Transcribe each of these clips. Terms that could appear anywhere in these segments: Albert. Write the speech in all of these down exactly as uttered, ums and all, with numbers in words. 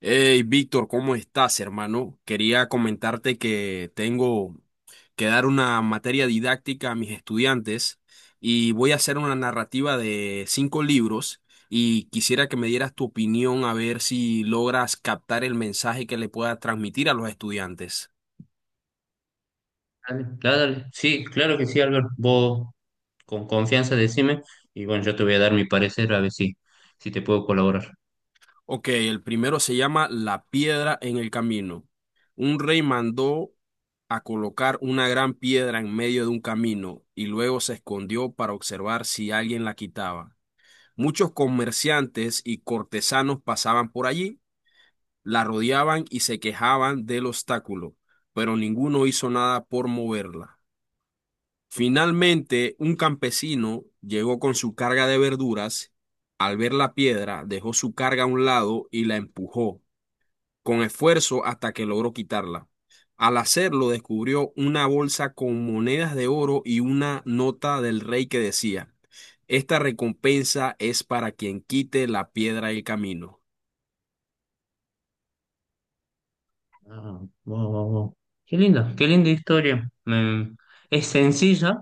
Hey, Víctor, ¿cómo estás, hermano? Quería comentarte que tengo que dar una materia didáctica a mis estudiantes y voy a hacer una narrativa de cinco libros y quisiera que me dieras tu opinión a ver si logras captar el mensaje que le pueda transmitir a los estudiantes. Dale, dale, dale. Sí, claro que sí, Albert. Vos con confianza decime y bueno, yo te voy a dar mi parecer a ver si, si te puedo colaborar. Ok, el primero se llama La piedra en el camino. Un rey mandó a colocar una gran piedra en medio de un camino y luego se escondió para observar si alguien la quitaba. Muchos comerciantes y cortesanos pasaban por allí, la rodeaban y se quejaban del obstáculo, pero ninguno hizo nada por moverla. Finalmente, un campesino llegó con su carga de verduras. Al ver la piedra, dejó su carga a un lado y la empujó con esfuerzo hasta que logró quitarla. Al hacerlo, descubrió una bolsa con monedas de oro y una nota del rey que decía, esta recompensa es para quien quite la piedra del camino. Ah, wow, wow, wow. Qué linda, qué linda historia. Me- es sencilla,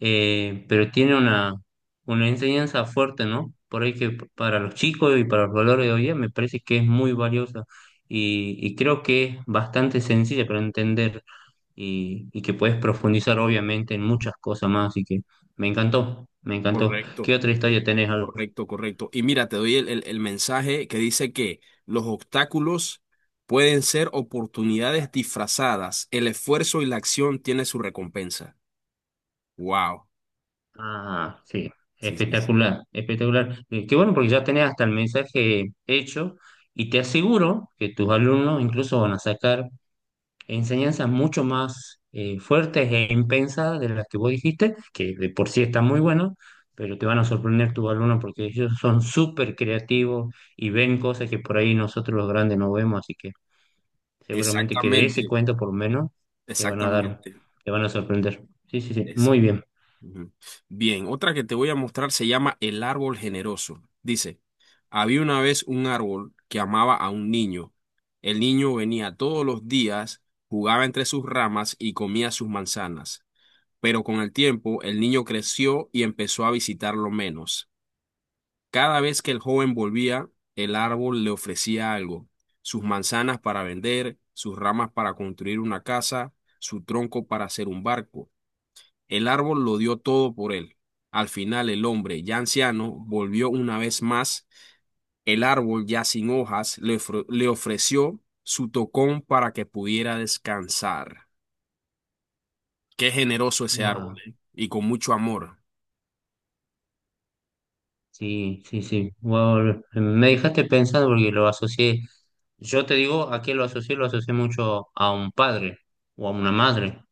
eh, pero tiene una, una enseñanza fuerte, ¿no? Por ahí que p- para los chicos y para los valores de hoy día me parece que es muy valiosa y, y creo que es bastante sencilla para entender y, y que puedes profundizar obviamente en muchas cosas más, así que me encantó, me encantó. ¿Qué Correcto, otra historia tenés? Al- correcto, correcto. Y mira, te doy el, el- el mensaje que dice que los obstáculos pueden ser oportunidades disfrazadas. El esfuerzo y la acción tienen su recompensa. Wow. Ah, sí, Sí, sí, sí. espectacular, espectacular. Eh, Qué bueno porque ya tenés hasta el mensaje hecho y te aseguro que tus alumnos incluso van a sacar enseñanzas mucho más eh, fuertes e impensadas de las que vos dijiste, que de por sí están muy buenas. Pero te van a sorprender tus alumnos porque ellos son súper creativos y ven cosas que por ahí nosotros los grandes no vemos, así que seguramente que de ese Exactamente, cuento por lo menos te van a dar, exactamente. te van a sorprender. Sí, sí, sí, muy Exactamente. bien. Ujú. Bien, otra que te voy a mostrar se llama El árbol generoso. Dice, había una vez un árbol que amaba a un niño. El niño venía todos los días, jugaba entre sus ramas y comía sus manzanas. Pero con el tiempo el niño creció y empezó a visitarlo menos. Cada vez que el joven volvía, el árbol le ofrecía algo. Sus manzanas para vender, sus ramas para construir una casa, su tronco para hacer un barco. El árbol lo dio todo por él. Al final el hombre, ya anciano, volvió una vez más. El árbol, ya sin hojas, le, ofre- le ofreció su tocón para que pudiera descansar. Qué generoso ese árbol, Wow. ¿eh? Y con mucho amor. Sí, sí, sí. Wow. Me dejaste pensando porque lo asocié. Yo te digo, ¿a qué lo asocié? Lo asocié mucho a un padre o a una madre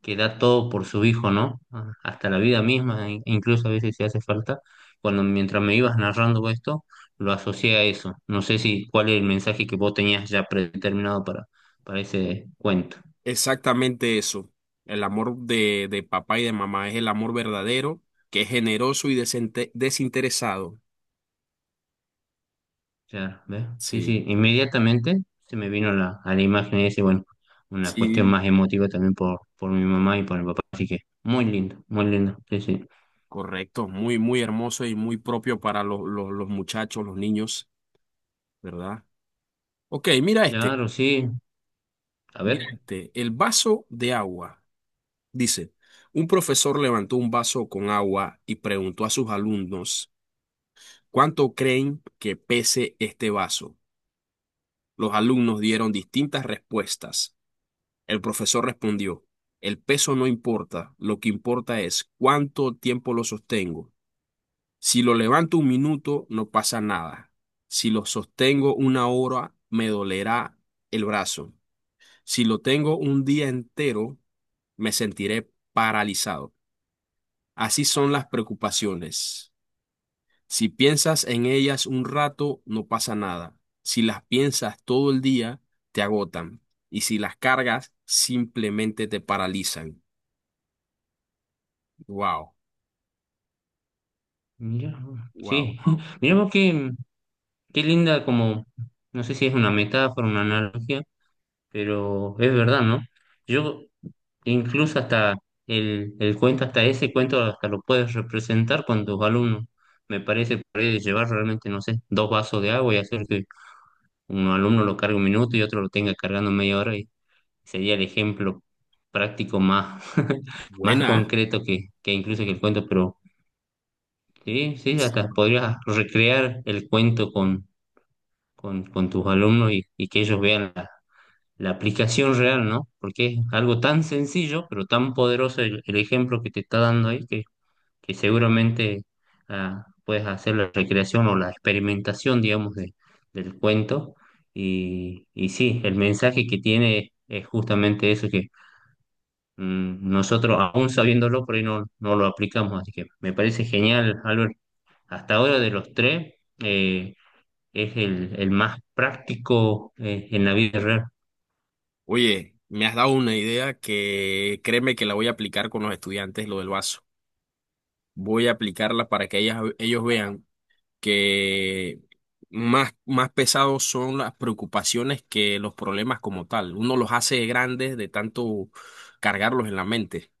que da todo por su hijo, ¿no? Ah, hasta la vida misma, in- incluso a veces si hace falta. Cuando mientras me ibas narrando esto, lo asocié a eso. No sé si cuál es el mensaje que vos tenías ya predeterminado para, para ese cuento. Exactamente eso. El amor de, de papá y de mamá es el amor verdadero, que es generoso y desinte- desinteresado. Claro, ¿ves? Sí, Sí, sí, inmediatamente se me vino la, a la imagen ese, bueno, una cuestión sí, más emotiva también por, por mi mamá y por mi papá, así que muy lindo, muy lindo, sí, sí. correcto. Muy, muy hermoso y muy propio para los, los los muchachos, los niños, ¿verdad? Ok, mira este, Claro, sí, a mira ver, este, el vaso de agua. Dice, un profesor levantó un vaso con agua y preguntó a sus alumnos cuánto creen que pese este vaso. Los alumnos dieron distintas respuestas. El profesor respondió, el peso no importa, lo que importa es cuánto tiempo lo sostengo. Si lo levanto un minuto, no pasa nada. Si lo sostengo una hora, me dolerá el brazo. Si lo tengo un día entero, me sentiré paralizado. Así son las preocupaciones. Si piensas en ellas un rato, no pasa nada. Si las piensas todo el día, te agotan. Y si las cargas, simplemente te paralizan. Wow, mira, wow, sí, wow. mira vos qué, qué linda como, no sé si es una metáfora, una analogía, pero es verdad, ¿no? Yo incluso hasta el, el cuento, hasta ese cuento hasta lo puedes representar con tus alumnos, me parece, por ahí de llevar realmente, no sé, dos vasos de agua y hacer que un alumno lo cargue un minuto y otro lo tenga cargando media hora y sería el ejemplo práctico más, más Buena. concreto que, que incluso que el cuento, pero sí, sí, hasta ¿Eh? podrías recrear el cuento con, con, con tus alumnos y, y que ellos vean la, la aplicación real, ¿no? Porque es algo tan sencillo, pero tan poderoso el, el ejemplo que te está dando ahí que seguramente ah, puedes hacer la recreación o la experimentación, digamos, de- del cuento. Y, y sí, el mensaje que tiene es justamente eso que mm, nosotros, aún sabiéndolo, por ahí no, no lo aplicamos. Así que me parece genial, Albert. Hasta ahora de los tres, eh, es el, el más práctico eh, en la vida real. Oye, me has dado una idea que créeme que la voy a aplicar con los estudiantes, lo del vaso. Voy a aplicarla para que ellas- ellos vean que más, más pesados son las preocupaciones que los problemas como tal. Uno los hace grandes de tanto cargarlos en la mente.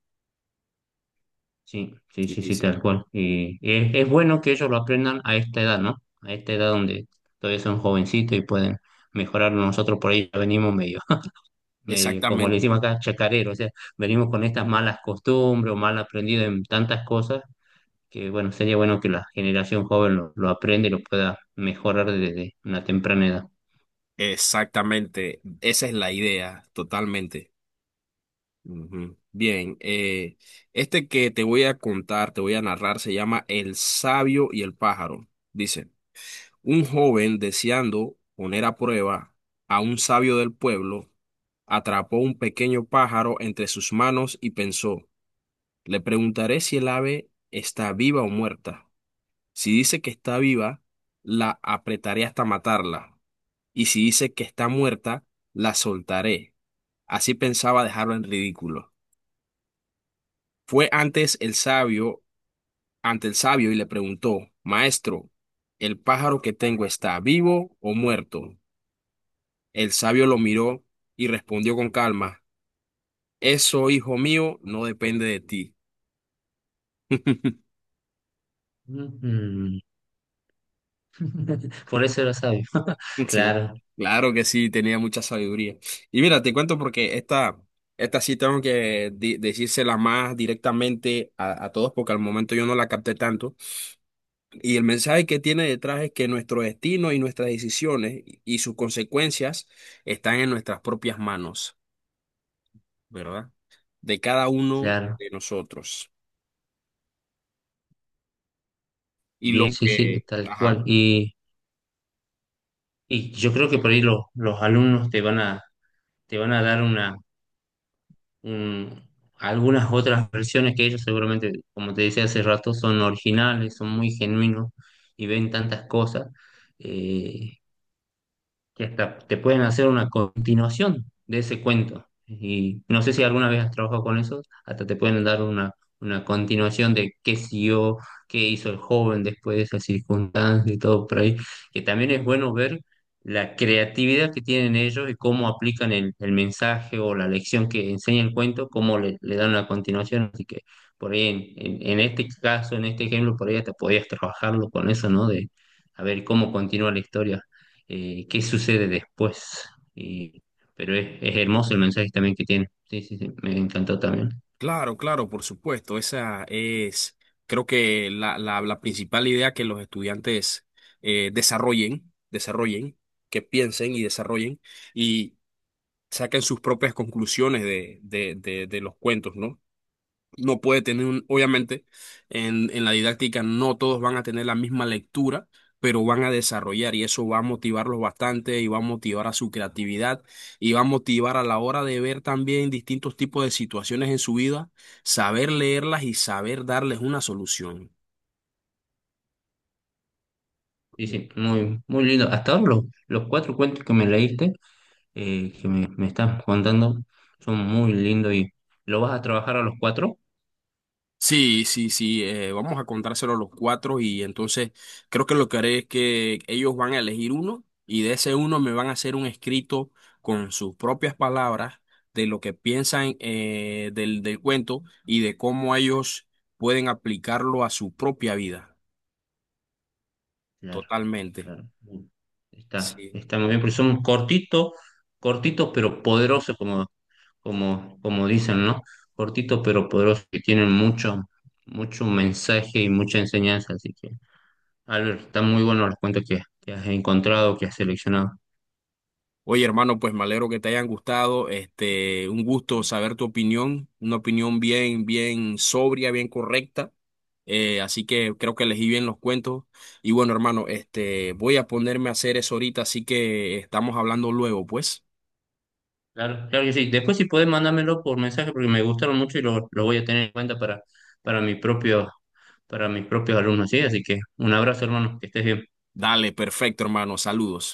Sí, sí, Sí, sí, sí, sí, sí. tal cual. Y es, es bueno que ellos lo aprendan a esta edad, ¿no? A esta edad donde todavía son jovencitos y pueden mejorar. Nosotros por ahí ya venimos medio, medio, como le Exactamente, decimos acá, chacarero, o sea, venimos con estas malas costumbres o mal aprendido en tantas cosas que, bueno, sería bueno que la generación joven lo, lo aprenda y lo pueda mejorar desde una temprana edad. exactamente. Esa es la idea, totalmente. Ujú. Bien, eh, este que te voy a contar, te voy a narrar, se llama El sabio y el pájaro. Dice, un joven deseando poner a prueba a un sabio del pueblo, atrapó un pequeño pájaro entre sus manos y pensó, le preguntaré si el ave está viva o muerta. Si dice que está viva, la apretaré hasta matarla, y si dice que está muerta, la soltaré. Así pensaba dejarlo en ridículo. Fue antes el sabio, ante el sabio y le preguntó, Maestro, ¿el pájaro que tengo está vivo o muerto? El sabio lo miró y respondió con calma, eso, hijo mío, no depende de ti. Ujú. Por eso era sabio. Sí, Claro, claro que sí, tenía mucha sabiduría. Y mira, te cuento porque esta, esta sí tengo que di- decírsela más directamente a, a todos porque al momento yo no la capté tanto. Y el mensaje que tiene detrás es que nuestro destino y nuestras decisiones y y sus consecuencias están en nuestras propias manos, ¿verdad? De cada uno claro. de nosotros. Y lo Bien, sí, sí, que, tal ajá. cual. Y Y yo creo que por ahí los, los alumnos te van a, te van a dar una, un- algunas otras versiones que ellos seguramente, como te decía hace rato, son originales, son muy genuinos y ven tantas cosas. Eh, que hasta te pueden hacer una continuación de ese cuento. Y no sé si alguna vez has trabajado con eso, hasta te pueden dar una, una continuación de qué siguió, qué hizo el joven después de esa circunstancia y todo por ahí, que también es bueno ver la creatividad que tienen ellos y cómo aplican el, el mensaje o la lección que enseña el cuento, cómo le, le dan una continuación. Así que por ahí en, en, en este caso, en este ejemplo, por ahí hasta podías trabajarlo con eso, ¿no? De a ver cómo continúa la historia eh, qué sucede después. Y- pero es, es hermoso el mensaje también que tiene. Sí, sí, sí, me encantó también. Claro, claro, por supuesto. Esa es, creo que la, la, la principal idea que los estudiantes eh, desarrollen, desarrollen, que piensen y desarrollen y saquen sus propias conclusiones de, de, de, de los cuentos, ¿no? No puede tener un, obviamente, en, en la didáctica no todos van a tener la misma lectura, pero van a desarrollar y eso va a motivarlos bastante y va a motivar a su creatividad y va a motivar a la hora de ver también distintos tipos de situaciones en su vida, saber leerlas y saber darles una solución. Sí, sí, muy, muy lindo. Hasta ahora los, los cuatro cuentos que me leíste, eh, que me, me estás contando, son muy lindos y ¿lo vas a trabajar a los cuatro? Sí, sí, sí, eh, vamos a contárselo a los cuatro y entonces creo que lo que haré es que ellos van a elegir uno y de ese uno me van a hacer un escrito con sus propias palabras de lo que piensan eh, del, del cuento y de cómo ellos pueden aplicarlo a su propia vida, Claro, totalmente. claro. Mm. Está, Sí. está muy bien, porque son cortitos, cortitos pero poderosos, como, como, como dicen, ¿no? Cortitos pero poderosos, que tienen mucho, mucho mensaje y mucha enseñanza, así que... Albert, están muy buenos los cuentos que, que has encontrado, que has seleccionado. Oye, hermano, pues me alegro que te hayan gustado. Este, un gusto saber tu opinión, una opinión bien, bien sobria, bien correcta. Eh, así que creo que elegí bien los cuentos. Y bueno, hermano, este, voy a ponerme a hacer eso ahorita, así que estamos hablando luego, pues. Claro, claro que sí. Después si podés mandármelo por mensaje porque me gustaron mucho y lo, lo voy a tener en cuenta para, para mi propio, para mis propios alumnos, ¿sí? Así que un abrazo, hermano, que estés bien. Dale, perfecto, hermano. Saludos.